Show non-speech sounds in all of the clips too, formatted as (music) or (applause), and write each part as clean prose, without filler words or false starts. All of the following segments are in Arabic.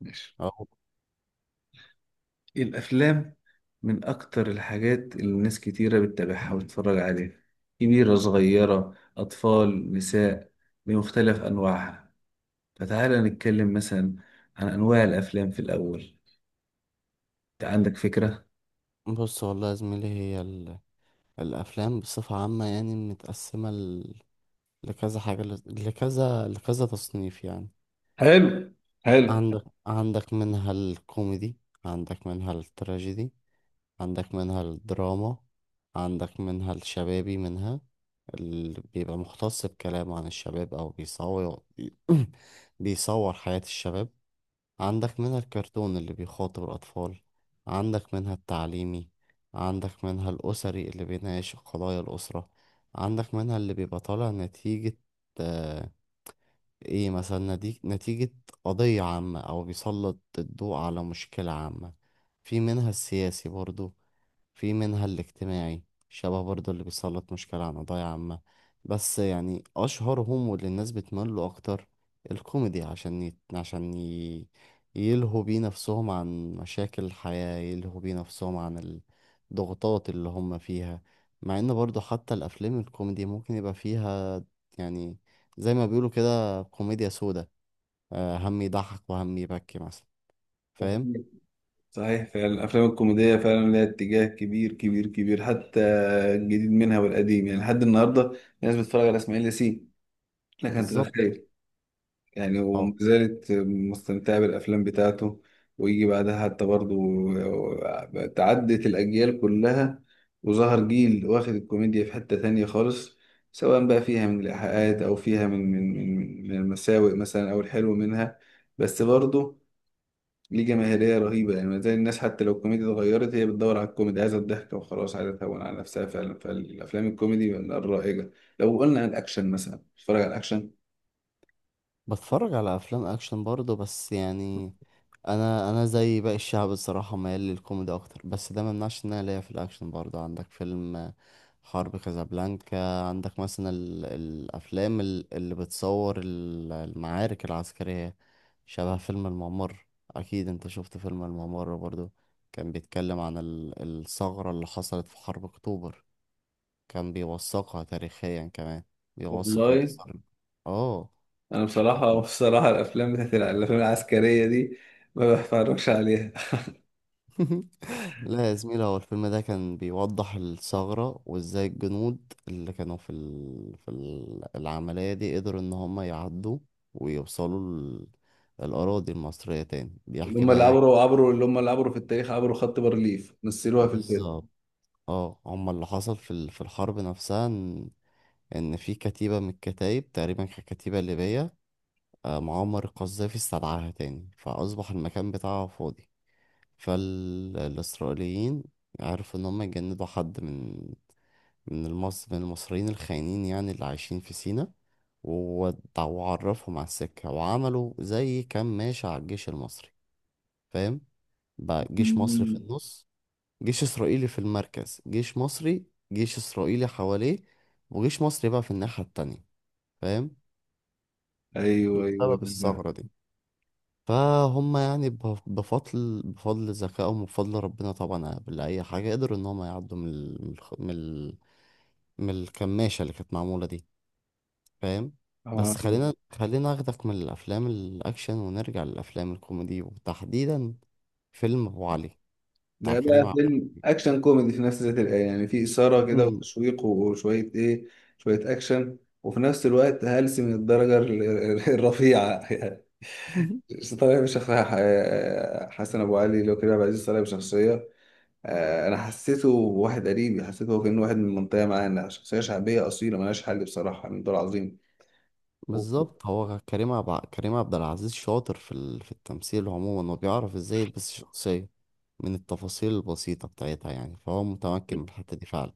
ماشي. أهو. إيه الأفلام؟ من أكتر الحاجات اللي ناس كتيرة بتتابعها وتتفرج عليها، كبيرة صغيرة أطفال نساء، بمختلف أنواعها. فتعالى نتكلم مثلا عن أنواع الأفلام في الأول. أنت عندك فكرة؟ بص والله يا زميلي هي الأفلام بصفة عامة يعني متقسمة لكذا حاجة ل... لكذا لكذا تصنيف يعني. حلو، حلو. عندك منها الكوميدي، عندك منها التراجيدي، عندك منها الدراما، عندك منها الشبابي، منها اللي بيبقى مختص بكلام عن الشباب أو بيصور (clears throat) بيصور حياة الشباب، عندك منها الكرتون اللي بيخاطب الأطفال، عندك منها التعليمي، عندك منها الأسري اللي بيناقش قضايا الأسرة، عندك منها اللي بيبقى طالع نتيجة آه إيه، مثلا نتيجة قضية عامة أو بيسلط الضوء على مشكلة عامة. في منها السياسي برضو، في منها الاجتماعي شبه برضه اللي بيسلط مشكلة عن قضايا عامة. بس يعني أشهرهم واللي الناس بتميل له أكتر الكوميدي، عشان يلهوا بيه نفسهم عن مشاكل الحياة، يلهوا بيه نفسهم عن الضغوطات اللي هم فيها. مع إن برضه حتى الأفلام الكوميدي ممكن يبقى فيها يعني زي ما بيقولوا كده كوميديا سودا، هم يضحك وهم يبكي مثلا. صحيح، فاهم؟ صحيح. فعلا الافلام الكوميديه فعلا لها اتجاه كبير كبير كبير، حتى الجديد منها والقديم، يعني لحد النهارده الناس بتتفرج على اسماعيل ياسين. لك انت بالظبط. تتخيل يعني، وما زالت مستمتعة بالأفلام بتاعته. ويجي بعدها حتى برضه، تعدت الأجيال كلها وظهر جيل واخد الكوميديا في حتة تانية خالص، سواء بقى فيها من الإيحاءات أو فيها من المساوئ مثلا أو الحلو منها. بس برضه ليه جماهيرية رهيبة، يعني ما زال الناس حتى لو الكوميديا اتغيرت هي بتدور على الكوميدي، عايزة الضحك وخلاص، عايزة تهون على نفسها فعلا. فالأفلام الكوميدي من الرائجة. لو قلنا عن الأكشن مثلا، بتتفرج على الأكشن؟ بتفرج على افلام اكشن برضه بس يعني انا زي باقي الشعب الصراحه ميال للكوميدي اكتر، بس ده ما يمنعش ان انا ليا في الاكشن برضه. عندك فيلم حرب كازابلانكا، عندك مثلا الافلام اللي بتصور المعارك العسكريه، شبه فيلم الممر. اكيد انت شفت فيلم الممر برضه، كان بيتكلم عن الثغره اللي حصلت في حرب اكتوبر، كان بيوثقها تاريخيا كمان، بيوثق والله انتصار. اه. انا بصراحه، (laughs) بصراحه الافلام بتاعت الافلام العسكريه دي ما بتفرجش عليها. (laughs) لا يا زميلة، هو الفيلم ده كان بيوضح الثغرة وازاي الجنود اللي كانوا في العملية دي قدروا ان هم يعدوا ويوصلوا الأراضي المصرية تاني. (laughs) اللي بيحكي هم بقى اللي ايه. عبروا، عبروا، اللي هم اللي عبروا في التاريخ، عبروا خط بارليف، مثلوها في الفيلم. بالظبط. اه، هم اللي حصل في في الحرب نفسها ان في كتيبة من الكتايب تقريبا كانت كتيبة ليبية، معمر القذافي استدعاها تاني فأصبح المكان بتاعها فاضي. فالإسرائيليين عرفوا إن هم يجندوا حد من المصريين الخاينين يعني اللي عايشين في سينا، وعرفهم على السكة وعملوا زي كماشة على الجيش المصري. فاهم؟ بقى جيش مصري في مم. النص، جيش إسرائيلي في المركز، جيش مصري، جيش إسرائيلي حواليه، وجيش مصري بقى في الناحية التانية. فاهم؟ ايوه ايوه بسبب أيوة. الثغرة دي فهم يعني بفضل ذكائهم وبفضل ربنا طبعا قبل أي حاجة، قدروا إن هم يعدوا من ال... من الخ- من ال- من الكماشة اللي كانت معمولة دي. فاهم؟ آه. بس خلينا اخدك من الافلام الاكشن ونرجع للافلام الكوميدي، وتحديدا فيلم ابو علي بتاع لا، كريم ده عبد فيلم العزيز. اكشن كوميدي في نفس ذات الآن، يعني في اثاره كده مم. وتشويق وشويه ايه، شويه اكشن وفي نفس الوقت هلس من الدرجه الرفيعه (laughs) يعني. (laughs) طالع بشخصية حسن أبو علي، اللي هو كريم عبد العزيز، طالع بشخصية آه، انا حسيته واحد قريبي، حسيته هو كأنه واحد من المنطقه معانا، شخصيه شعبيه اصيله ملهاش حل بصراحه، من دور عظيم. وهو بالظبط. هو كريم عبد العزيز شاطر في في التمثيل عموما وبيعرف ازاي يلبس الشخصية من التفاصيل البسيطة بتاعتها يعني، فهو متمكن من الحتة دي فعلا.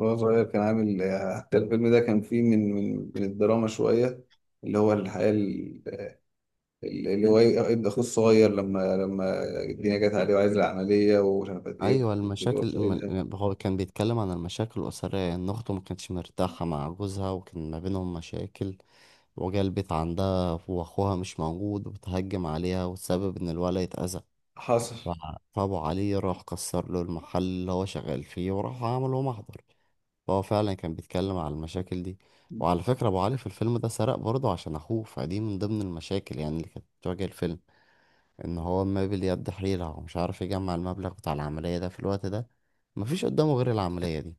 صغير كان عامل آه، حتى الفيلم ده كان فيه من الدراما شويه، اللي هو الحياه اللي هو ابن اخوه الصغير، لما لما الدنيا جت عليه وعايز العمليه ومش عارف قد ايه. ايوه، وشايلها. هو كان بيتكلم عن المشاكل الاسرية، ان اخته ما كانتش مرتاحة مع جوزها وكان ما بينهم مشاكل، وجا البيت عندها وأخوها مش موجود وبتهجم عليها وتسبب إن الولد يتأذى. حصل. ف- فأبو علي راح كسر له المحل اللي هو شغال فيه وراح عمل له محضر. فهو فعلا كان بيتكلم على المشاكل دي. وعلى فكرة أبو علي في الفيلم ده سرق برضه عشان أخوه، فدي من ضمن المشاكل يعني اللي كانت بتواجه الفيلم، إن هو مابل يد حيلة ومش عارف يجمع المبلغ بتاع العملية ده في الوقت ده، مفيش قدامه غير العملية دي.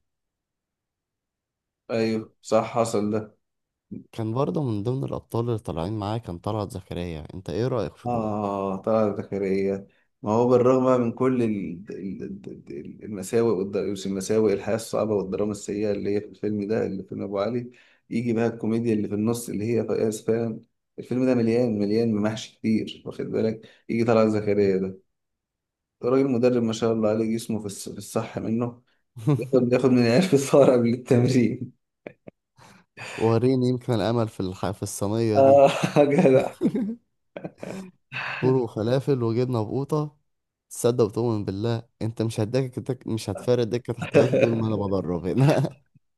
ايوه صح، حصل ده. كان برضه من ضمن الأبطال اللي طالعين معاه كان طلعت زكريا. أنت إيه رأيك في دول؟ آه، طلعت زكريا. ما هو بالرغم من كل المساوئ المساوئ الحياة الصعبة والدراما السيئة اللي هي في الفيلم ده، اللي في فيلم أبو علي، يجي بقى الكوميديا اللي في النص اللي هي فقاس فعلا. الفيلم ده مليان مليان ممحش كتير، واخد بالك، يجي طلعت زكريا ده، ده راجل مدرب ما شاء الله عليه، جسمه في في الصح منه. ياخد (laughs) ياخد من العيال في الفار قبل التمرين. وريني يمكن الأمل في في الصينية دي. آه. (laughs) جدع. (laughs) فول وفلافل وجبنة بقوطة، تصدق وتؤمن بالله انت مش مش هتفارق دكة احتياطي دول ما انا (laughs) بدرب هنا.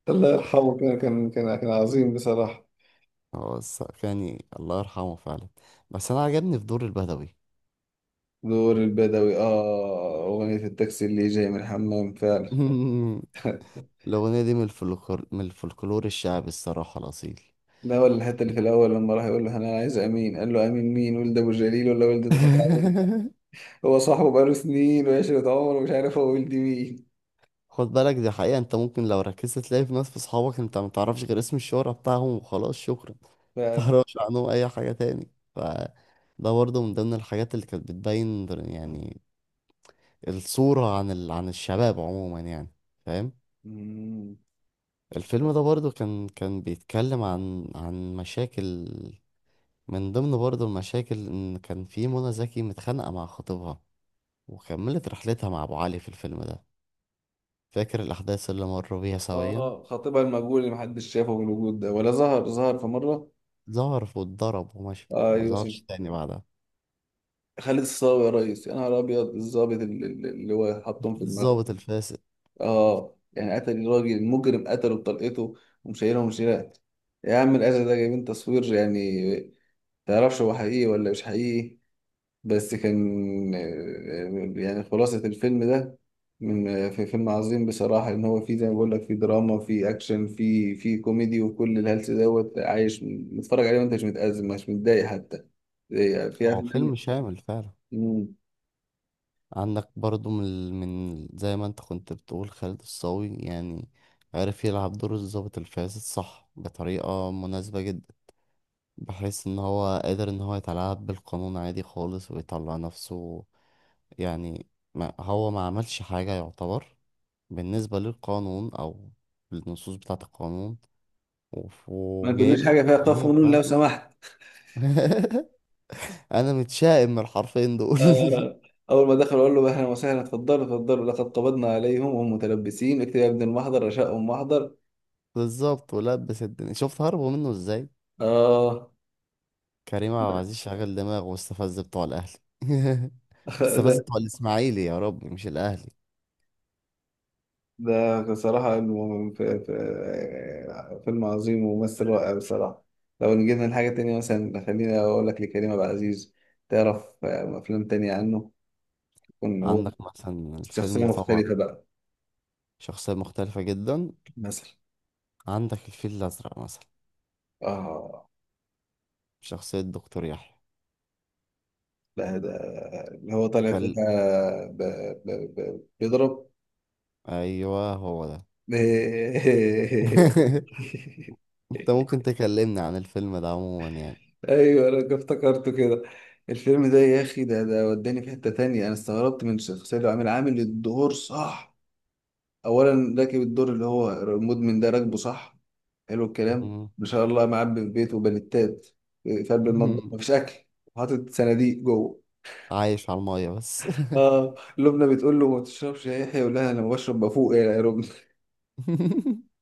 الله يرحمه، كان كان عظيم بصراحة. (laughs) هو يعني الله يرحمه فعلا، بس انا عجبني في دور البدوي. دور البدوي، اه أغنية التاكسي اللي جاي من الحمام فعلا. (laughs) الأغنية دي من الفلكلور، من الفلكلور الشعبي الصراحة الأصيل. لا، ولا الحتة اللي في الأول لما راح يقول له أنا عايز أمين، قال له أمين مين؟ ولد أبو جليل ولا ولد الطاعون؟ (laughs) هو صاحبه بقاله سنين وعشرة عمر ومش عارف هو ولد مين. خد بالك، دي حقيقة، انت ممكن لو ركزت تلاقي في ناس، في اصحابك انت ما تعرفش غير اسم الشهرة بتاعهم وخلاص شكرا. (laughs) ما فعلا. تعرفش عنهم اي حاجة تاني. ف ده برضه من ضمن الحاجات اللي كانت بتبين يعني الصورة عن عن الشباب عموما يعني. فاهم؟ مم. الفيلم ده برضه كان بيتكلم عن مشاكل، من ضمن برضه المشاكل ان كان في منى زكي متخانقة مع خطيبها وكملت رحلتها مع ابو علي في الفيلم ده. فاكر الاحداث اللي مروا بيها سويا؟ اه، خطيبها المجهول اللي محدش شافه بالوجود ده، ولا ظهر، ظهر في مرة. ظهر واتضرب ومشي وما ايوه. ظهرش تاني بعدها. خالد الصاوي، يا ريس يا نهار أبيض. الظابط اللي هو حطهم في دماغه، الضابط الفاسد. اه يعني قتل الراجل المجرم، قتله بطلقته ومشيله ومشيلات. يا عم الأذى ده جايبين تصوير يعني، متعرفش هو حقيقي ولا مش حقيقي. بس كان، يعني خلاصة الفيلم ده، من في فيلم عظيم بصراحة، إن هو فيه زي ما بقول لك، فيه دراما فيه أكشن فيه فيه كوميدي، وكل الهلس دوت عايش متفرج عليه وأنت مش متأزم مش متضايق حتى زي- في هو أفلام. فيلم شامل فعلا. مم. عندك برضو من من زي ما انت كنت بتقول خالد الصاوي يعني، عرف يلعب دور الضابط الفاسد صح بطريقة مناسبة جدا، بحيث ان هو قادر ان هو يتلاعب بالقانون عادي خالص ويطلع نفسه يعني، ما هو ما عملش حاجة يعتبر بالنسبة للقانون او للنصوص بتاعة القانون، ما وجايب تقوليش لك حاجة فيها قاف الحماية ونون لو بتاعته. سمحت. (laughs) انا متشائم من الحرفين دول. (laughs) آه، أول ما دخل أقول له أهلا وسهلا، اتفضلوا اتفضلوا، لقد قبضنا عليهم وهم متلبسين، اكتب يا ابن المحضر رشاء محضر. بالظبط، ولبس الدنيا، شفت هربوا منه ازاي؟ آه. كريم عبد العزيز شغل دماغه واستفز بتوع الاهلي. (laughs) (laughs) استفز ده بتوع الاسماعيلي يا رب، مش الاهلي. ده بصراحة إنه فيلم عظيم وممثل رائع بصراحة. لو نجينا لحاجة تانية، مثلا خليني أقول لك لكريم عبد العزيز، تعرف آه، أفلام تانية عنه يكون هو عندك مثلا شخصية الفيلم طبعا مختلفة بقى؟ شخصية مختلفة جدا، مثلا؟ عندك الفيل الازرق مثلا، آه. شخصية دكتور يحيى. لا ده، اللي هو طالع كل فيها ب- بيضرب ايوه، هو ده. (laughs) (laughs) (laughs) انت ممكن تكلمني عن الفيلم ده عموما يعني؟ ايوه، انا افتكرته كده. الفيلم ده يا اخي، ده وداني في حته تانية. انا استغربت من الشخصيه اللي عامل عامل الدور صح، اولا راكب الدور اللي هو المدمن ده، راكبه صح. حلو الكلام ما شاء الله، معبي في بيته بلتات، في قلب المطبخ (laughs) مفيش اكل، وحاطط صناديق جوه. عايش على المية بس. اه لبنى بتقول له ما تشربش يا يحيى، يقول لها انا ما بشرب بفوق يعني يا لبنى. (laughs)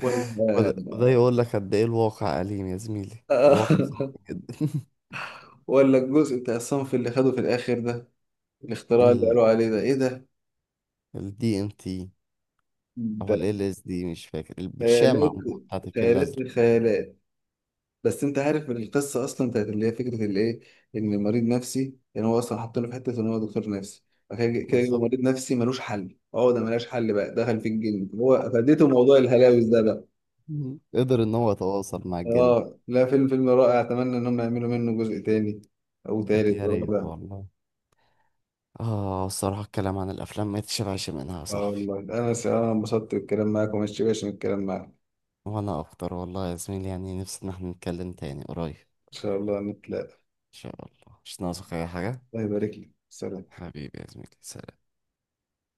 ولا. وده يقول لك قد ايه الواقع أليم يا زميلي، الواقع صعب (laughs) جدا. (laughs) ولا الجزء بتاع الصنف اللي خده في الاخر ده، الاختراع اللي ال قالوا عليه ده ايه؟ ال DMT او ده ال LSD، مش فاكر البرشامة خيالات، عموما بتاعت الفيل خيالات الأزرق. الخيالات. بس انت عارف القصه اصلا بتاعت اللي هي فكره الايه، ان مريض نفسي يعني هو اصلا حاطينه في حته ان هو دكتور نفسي، فكده كده جه بالظبط. مريض نفسي ملوش حل، اه ده ملهاش حل، بقى دخل في الجن هو، فديته موضوع الهلاوس ده بقى. مم. قدر ان هو يتواصل مع الجن. اه، لا فيلم، فيلم رائع، اتمنى ان هم يعملوا منه جزء تاني او تالت يا ريت ورابع. والله. اه الصراحة الكلام عن الافلام ما يتشبعش منها يا اه صاحبي. والله، انا انبسطت بالكلام معاك وما اشتبعش من الكلام معاك. ان وانا اكتر والله يا زميلي، يعني نفسي ان احنا نتكلم تاني قريب ان شاء الله نتلاقى. شاء الله. مش ناقصك اي حاجة، الله يبارك لك، سلام. حبيبي يا زميلي، سلام.